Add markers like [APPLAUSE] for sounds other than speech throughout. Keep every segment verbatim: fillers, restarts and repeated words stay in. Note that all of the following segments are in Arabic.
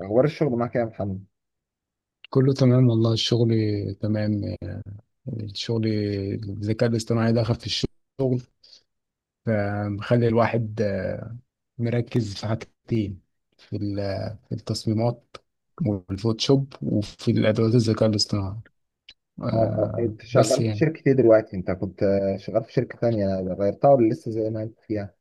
اخبار الشغل معاك إيه يا محمد؟ كله تمام والله الشغل تمام. الشغل الذكاء الاصطناعي دخل في الشغل فمخلي الواحد آه، مركز في حاجتين في ال- في التصميمات والفوتوشوب وفي الأدوات الذكاء الاصطناعي اه آه، آه، انت بس شغال في يعني شركة ايه دلوقتي؟ انت كنت آه، شغال في شركة تانية غيرتها ولا لسه زي ما انت فيها؟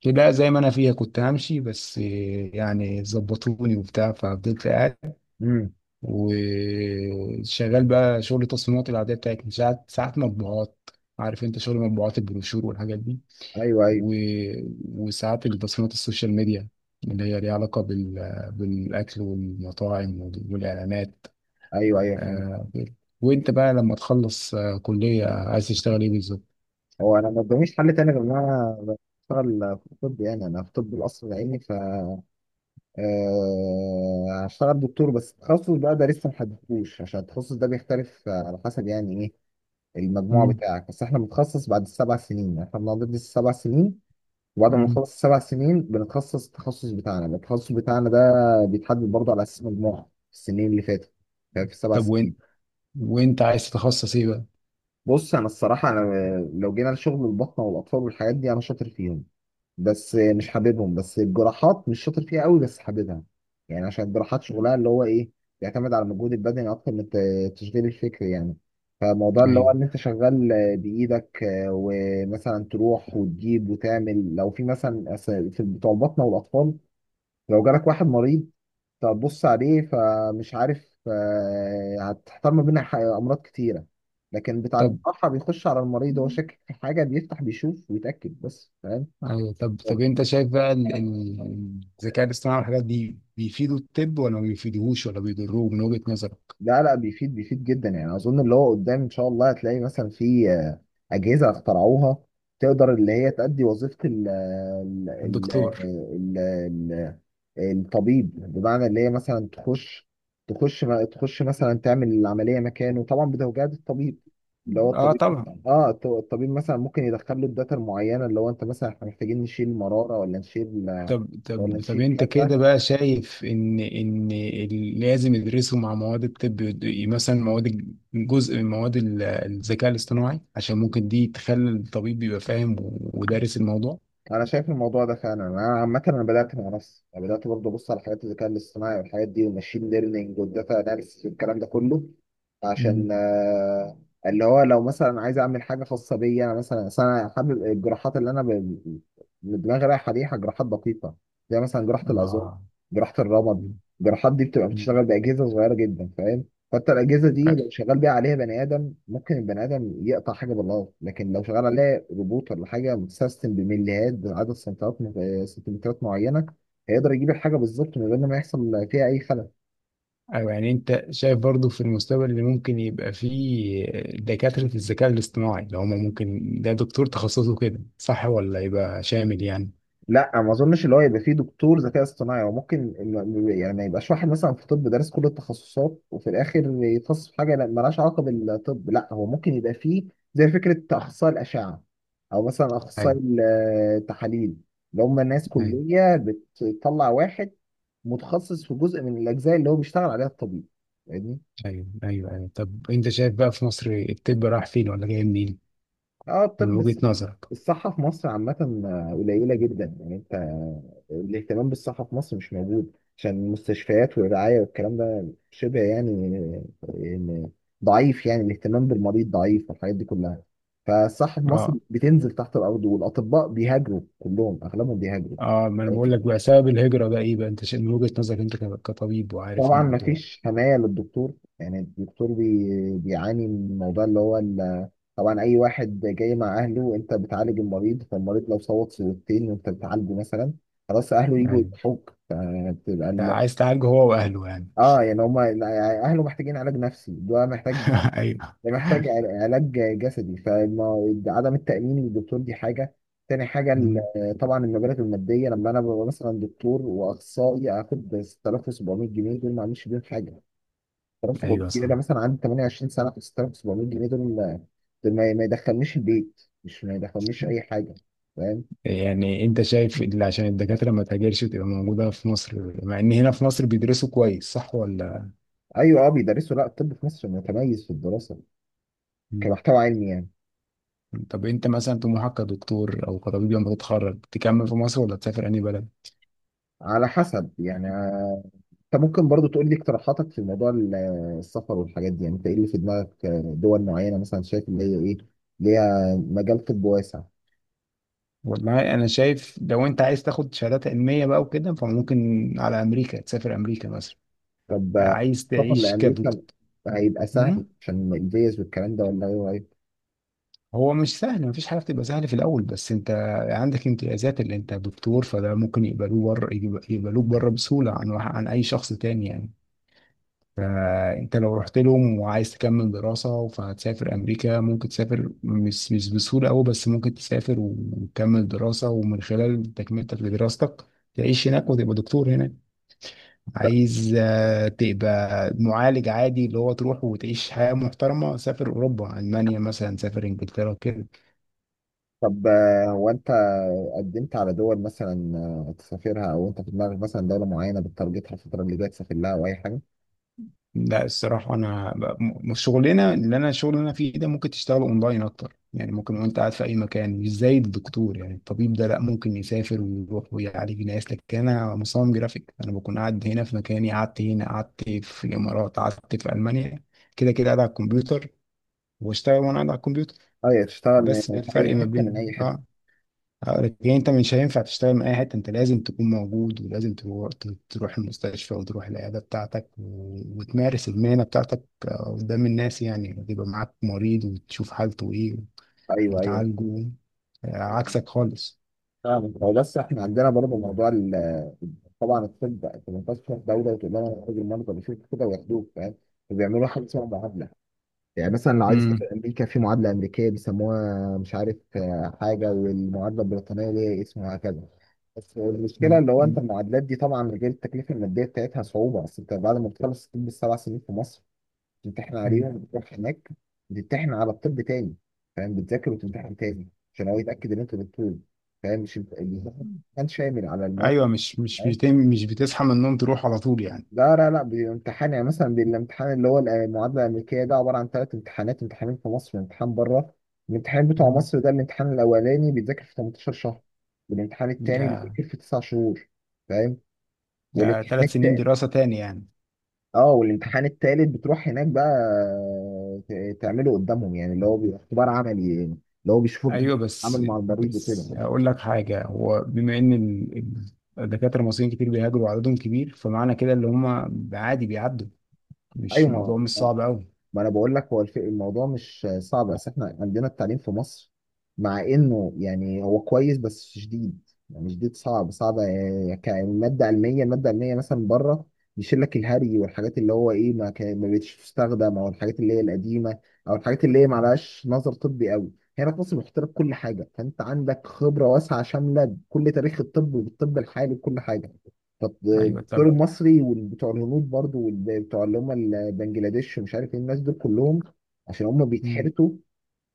كده زي ما أنا فيها كنت همشي بس آه، يعني ظبطوني وبتاع ففضلت قاعد امم وشغال بقى شغل التصميمات العادية بتاعتنا ساعات، ساعات مطبوعات. عارف انت شغل مطبوعات البروشور والحاجات دي ايوه ايوه و... وساعات التصميمات السوشيال ميديا اللي هي ليها علاقة بال... بالأكل والمطاعم وال- والإعلانات. ايوه ايوه فهمت. آه، وأنت بقى لما تخلص آه، كلية عايز تشتغل إيه بالظبط؟ هو انا ما قداميش حل تاني غير ان انا بشتغل في الطب، يعني انا في طب القصر العيني. ف آه، هشتغل دكتور، بس التخصص بقى ده لسه ما حددتوش، عشان التخصص ده بيختلف آه، على حسب يعني ايه المجموع مم. بتاعك. بس احنا بنتخصص بعد السبع سنين، احنا بندرس السبع سنين، وبعد ما مم. نخلص السبع سنين بنتخصص. التخصص بتاعنا، التخصص بتاعنا ده بيتحدد برضه على اساس مجموعة في السنين اللي فاتت، يعني في السبع طب وين سنين وأنت عايز تتخصص إيه بقى؟ بص انا الصراحة انا لو جينا لشغل البطنة والاطفال والحاجات دي انا شاطر فيهم بس مش حاببهم. بس الجراحات مش شاطر فيها قوي بس حاببها، يعني عشان الجراحات شغلها اللي هو ايه، بيعتمد على المجهود البدني اكتر من التشغيل الفكري يعني. فموضوع اللي هو أيوه ان انت شغال بايدك، آه، ومثلا تروح وتجيب وتعمل، لو في مثلا أس- في بتوع البطنه والاطفال، لو جالك واحد مريض تبص عليه فمش عارف، آه، هتحتار ما بين ح- امراض كتيره. لكن بتاع طب الجراحه بيخش على المريض هو شاكك في حاجه، بيفتح بيشوف ويتاكد بس، فاهم؟ أيوه طب. طب أنت شايف بقى ال- ال- الذكاء الاصطناعي والحاجات دي بيفيدوا الطب ولا ما بيفيدوهوش ولا بيضروه من وجهة نظرك؟ لا لا، بيفيد بيفيد جدا. يعني اظن اللي هو قدام ان شاء الله هتلاقي مثلا في آه، اجهزه اخترعوها تقدر اللي هي تأدي وظيفه ال ال الدكتور. ال ال ال- الطبيب، بمعنى اللي هي مثلا تخش، تخش ما تخش، مثلا تعمل العمليه مكانه، طبعا بتوجيهات الطبيب اللي هو آه الطبيب. طبعا. اه الط- الطبيب مثلا ممكن يدخل له الداتا المعينه، اللي هو انت مثلا احنا محتاجين نشيل مراره ولا نشيل، طب ولا طب طب نشيل انت كذا. كده بقى شايف ان ان ال- لازم يدرسوا مع مواد الطب يد- مثلا مواد الج- جزء من مواد ال- الذكاء الاصطناعي عشان ممكن دي تخلي الطبيب يبقى فاهم و- ودارس الموضوع. انا شايف الموضوع ده فعلا. انا عامه انا بدات مع نفسي، انا بدات برضه ابص على حاجات الذكاء الاصطناعي والحاجات دي، والماشين ليرنينج والداتا اناليسيس والكلام ده كله، مم. عشان آه، اللي هو لو مثلا عايز اعمل حاجه خاصه بيا. انا مثلا أصل انا حابب الجراحات اللي انا ب- اللي دماغي رايحه عليها، جراحات دقيقه، زي مثلا جراحه العظام، آه. جراحه الرمد. مم. الجراحات دي بتبقى مم. بتشتغل باجهزه صغيره جدا، فاهم؟ حتى الاجهزه دي لو شغال بيها، عليها بني ادم ممكن البني ادم يقطع حاجه بالغلط، لكن لو شغال عليها روبوت ولا حاجه متسيستم بمليات بعدد سنتيمترات، آه، سنتيمترات معينه، هيقدر يجيب الحاجه بالظبط من غير ما يحصل فيها اي خلل. ايوه يعني انت شايف برضو في المستقبل اللي ممكن يبقى فيه دكاترة الذكاء الاصطناعي اللي هما ممكن ده دكتور تخصصه كده، صح ولا يبقى شامل يعني؟ لا ما اظنش اللي هو يبقى فيه دكتور ذكاء اصطناعي. هو ممكن ال- يعني ما يبقاش واحد مثلا في طب دارس كل التخصصات وفي الاخر يتخصص في حاجه لا- مالهاش علاقه بالطب. لا هو ممكن يبقى فيه زي فكره اخصائي الاشعه، او مثلا اخصائي أيوه. ال- التحاليل، اللي هم ناس أيوه. كليه بتطلع واحد متخصص في جزء من الاجزاء اللي هو بيشتغل عليها الطبيب، فاهمني؟ ايوه، ايوه، ايوه. طب انت شايف بقى في مصر الطب راح فين ولا جاي منين اه من الطب وجهة الص- نظرك؟ الصحة في مصر عامة آه، قليلة جدا. يعني انت آه، الاهتمام بالصحة في مصر مش موجود، عشان المستشفيات والرعاية والكلام ده شبه يعني آه، آه، ضعيف. يعني الاهتمام بالمريض ضعيف والحاجات دي كلها. فالصحة في مصر اه. بتنزل تحت الأرض، والأطباء بيهاجروا كلهم، أغلبهم بيهاجروا. اه، ما انا بقول لك بقى سبب الهجرة ده ايه بقى؟ انت شايف من وجهة نظرك انت ك- كطبيب وعارف طبعا الموضوع. مفيش حماية للدكتور. يعني الدكتور بي... بيعاني من الموضوع اللي هو ال... طبعا أي واحد جاي مع أهله، وأنت بتعالج المريض، فالمريض لو صوت صوتين وأنت بتعالجه مثلا، خلاص أهله يجوا ايوه. يضحوك، فبتبقى أنت الم... عايز تعالجه هو واهله يعني. آه، يعني هما يعني أهله محتاجين علاج نفسي، ده محتاج، [LAUGHS] ايوه. ده محتاج عل- علاج جسدي. فعدم التأمين للدكتور دي حاجة. تاني حاجة ال- مم. طبعا المبالغ المادية. لما أنا ببقى مثلا دكتور وأخصائي آخد ستة آلاف وسبعمية جنيه، دول ما أعملش بيهم حاجة. 3700 ايوه جنيه صح. ده مثلا عندي ثمانية وعشرين سنه، ستة آلاف وسبعمية جنيه دول، دول ما ما يدخلنيش البيت، مش ما يدخلنيش اي حاجه، فاهم؟ يعني انت شايف اللي عشان الدكاترة ما تهاجرش وتبقى موجودة في مصر، مع ان هنا في مصر بيدرسوا كويس صح ولا؟ ايوه اه بيدرسوا. لا الطب في مصر متميز في الدراسه مم. كمحتوى علمي يعني. طب انت مثلا طموحك كدكتور او كطبيب لما تتخرج تكمل في مصر ولا تسافر اي بلد؟ على حسب يعني، آه، انت ممكن برضو تقول لي اقتراحاتك في موضوع ال- السفر والحاجات دي. يعني انت ايه اللي في دماغك، آه، دول معينه مثلا شايف اللي هي ايه ليها مجال طب واسع؟ والله انا شايف لو انت عايز تاخد شهادات علميه بقى وكده فممكن على امريكا، تسافر امريكا مثلا. طب، آه، عايز السفر تعيش كدكتور. لامريكا هيبقى سهل مم؟ عشان الفيز والكلام ده، ولا ايه رأيك؟ هو مش سهل، مفيش حاجه بتبقى سهله في الاول، بس انت عندك امتيازات اللي انت دكتور فده ممكن يقبلوه بره، يقبلوك بره بسهوله عن واحد- عن اي شخص تاني يعني. فانت لو رحت لهم وعايز تكمل دراسه فهتسافر امريكا، ممكن تسافر، مش مش بسهوله قوي بس ممكن تسافر وتكمل دراسه، ومن خلال تكملتك لدراستك تعيش هناك وتبقى دكتور هناك. عايز آه، تبقى معالج عادي اللي هو تروح وتعيش حياة محترمة، سافر أوروبا، ألمانيا مثلا، سافر إنجلترا كده. طب آه، هو انت قدمت على دول مثلا، آه، تسافرها، او انت في دماغك مثلا دوله معينه بتترجتها الفتره اللي جايه تسافر لها او اي حاجه؟ لا الصراحة أنا ب- م- شغلنا اللي أنا الشغل اللي أنا فيه ده ممكن تشتغل أونلاين أكتر يعني، ممكن وأنت قاعد في أي مكان، مش زي الدكتور يعني، الطبيب ده لا ممكن يسافر ويروح ويعالج ناس، لكن أنا مصمم جرافيك أنا بكون قاعد هنا في مكاني، قعدت هنا، قعدت في الإمارات، قعدت في ألمانيا، كده كده قاعد على الكمبيوتر واشتغل وأنا قاعد على الكمبيوتر. ايوه تشتغل من بس ده في اي الفرق ما حته، من بين اي حته. اه، هقولك إيه، انت مش هينفع تشتغل من اي حته، انت لازم تكون موجود ولازم تروح، تروح المستشفى وتروح العياده بتاعتك و- وتمارس المهنه بتاعتك آه، قدام الناس يعني، يبقى معاك مريض وتشوف حالته ايه ايوه ايوه وتعالجه. آه، عكسك خالص. فاهمك. هو بس احنا عندنا برضه موضوع ال- طبعا الطب انت ما ينفعش تروح دوله وتقول لهم انا راجل مرضى بيشوفوا كده وياخدوك، فاهم؟ بيعملوا حاجه اسمها معادله. يعني مثلا لو عايز اسافر مم. امريكا، في معادله امريكيه بيسموها مش عارف آه، حاجه، والمعادله البريطانيه ليها اسم، وهكذا. بس المشكله مم. اللي هو انت مم. المعادلات دي، طبعا غير التكلفه الماديه بتاعتها، صعوبه. اصل انت بعد ما بتخلص الطب السبع سنين في مصر، بتمتحن مم. عليهم، بتروح هناك بتمتحن على الطب تاني، فاهم؟ بتذاكر وتمتحن تاني عشان هو يتاكد ان انت دكتور. فاهم؟ مش الامتحان كان شامل على المواد؟ ايوه، مش مش بت- مش بتصحى من النوم تروح على طول يعني. لا لا لا، بامتحان. يعني مثلا بالامتحان اللي هو المعادلة الأمريكية، ده عبارة عن ثلاث امتحانات، امتحانين في مصر وامتحان بره. الامتحان بتاع مم. مصر ده الامتحان الأولاني بيتذاكر في تمنتاشر شهر، والامتحان التاني ده بيتذاكر في تسعة شهور، فاهم؟ ده والامتحان ثلاث سنين التالت، دراسه تاني يعني. اه والامتحان التالت بتروح هناك بقى ت- تعمله قدامهم، يعني اللي هو بيبقى اختبار عملي يعني، اللي هو بيشوفوك ايوه بتتعامل بس، مع المريض وكده بس يعني. هقول لك حاجه، هو بما ان ال- ال- الدكاتره المصريين كتير بيهاجروا وعددهم كبير فمعنى كده اللي هم عادي بيعدوا، ايوه مش ما الموضوع مش صعب قوي. ما انا بقول لك، هو الف- الموضوع مش صعب، بس احنا عندنا التعليم في مصر مع انه يعني هو كويس بس شديد، يعني شديد صعب صعب، آه، يعني كمادة علمية، المادة العلمية مثلا بره بيشيل لك الهري والحاجات اللي هو ايه ما, كان- ما بقتش تستخدم، او الحاجات اللي هي القديمة، او الحاجات اللي هي ما لهاش نظر طبي قوي. هنا في مصر بيحط لك كل حاجة، فانت عندك خبرة واسعة شاملة بكل تاريخ الطب وبالطب الحالي وكل حاجة. ايوه الدور طب. المصري وبتوع الهنود برضو وبتوع اللي هم البنجلاديش ومش عارف ايه الناس دول كلهم، عشان هم مم. بيتحرسوا،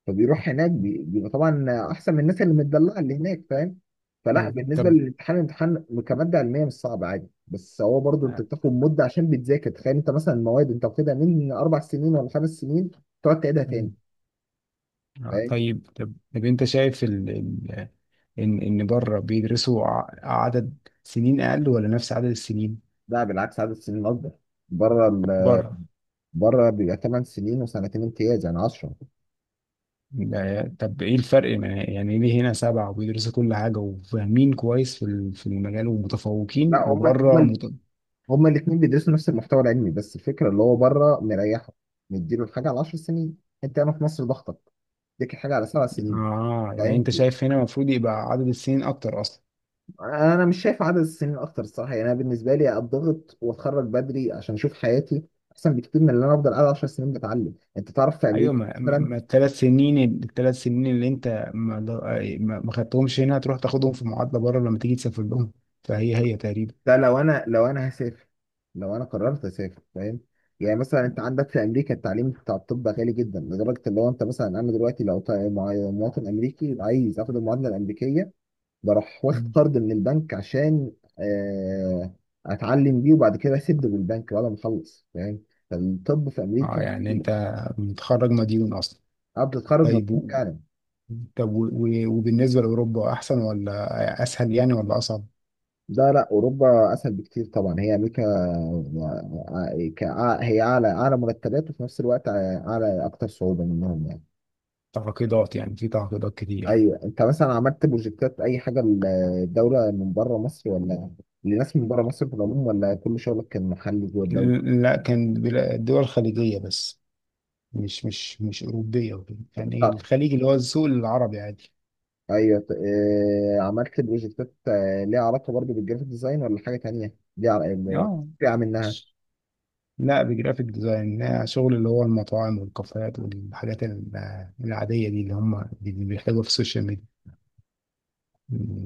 فبيروح هناك بي- بيبقى طبعا احسن من الناس اللي متدلعه اللي هناك، فاهم؟ فلا ايوه بالنسبه طب. للامتحان، الامتحان كماده علميه مش صعب، عادي، بس هو برضو انت آه، بتاخد مده عشان بتذاكر. تخيل انت مثلا المواد انت واخدها من اربع سنين ولا خمس سنين، تقعد تعيدها تاني. مم. آه، فاهم؟ طيب. طب طب انت شايف ال... ال... ان ان بره بيدرسوا ع- عدد سنين اقل ولا نفس عدد السنين؟ لا بالعكس عدد السنين اكبر بره. ال... بره. بره بيبقى ثماني سنين وسنتين امتياز، يعني عشر. ده- طب ايه الفرق ما- يعني ليه هنا سبعة وبيدرسوا كل حاجة وفاهمين كويس في ال- في المجال لا ومتفوقين هم وبره هم مت... هما الاثنين بيدرسوا نفس المحتوى العلمي، بس الفكره اللي هو بره مريحه، مديله الحاجه على عشر سنين. انت هنا في مصر ضغطك اديك الحاجه على سبع سنين، اه يعني انت فاهم؟ شايف هنا المفروض يبقى عدد السنين اكتر اصلا. انا مش شايف عدد السنين اكتر الصراحه. يعني انا بالنسبه لي اتضغط واتخرج بدري عشان اشوف حياتي، احسن بكتير من ان انا افضل قاعد عشر سنين بتعلم. انت تعرف في ايوه امريكا ما, ما مثلا، ما الثلاث سنين، الثلاث سنين اللي انت ما, ما ما خدتهمش هنا هتروح تاخدهم في معادلة بره لما تيجي تسافر لهم فهي هي تقريبا. لا لو انا لو انا هسافر، لو انا قررت اسافر فاهم، يعني مثلا انت عندك في امريكا التعليم بتاع الطب غالي جدا، لدرجه ان هو انت مثلا انا دلوقتي لو طا- مع- مواطن امريكي عايز اخد المعادله الامريكيه، بروح واخد مم. قرض من البنك عشان آه، اتعلم بيه، وبعد كده اسد بالبنك بعد ما اخلص، فاهم؟ فالطب في اه امريكا يعني انت بتكلف متخرج مديون اصلا. قبل تتخرج، طيب مطلوب و... فعلا. طب و... و- وبالنسبة لأوروبا احسن ولا اسهل يعني ولا اصعب؟ لا لا، اوروبا اسهل بكتير طبعا. هي امريكا كع- هي اعلى، اعلى مرتبات، وفي نفس الوقت اعلى اكتر صعوبه منهم يعني. تعقيدات يعني، في تعقيدات كتير. ايوه انت مثلا عملت بروجكتات اي حاجه للدوله من بره مصر، ولا لناس من بره مصر في العموم، ولا كل شغلك كان محلي جوه الدوله؟ لا كان بلا- الدول الخليجية بس، مش مش مش أوروبية وكده يعني، طب الخليج اللي هو السوق العربي عادي. ايوه ط- آه، عملت بروجكتات آه، ليها علاقه برضه بالجرافيك ديزاين، ولا حاجه تانيه ليها عل- اه. فرقه منها؟ لا بجرافيك ديزاين، لا، شغل اللي هو المطاعم والكافيهات والحاجات ال- العادية دي اللي هم اللي بيحتاجوها في السوشيال ميديا.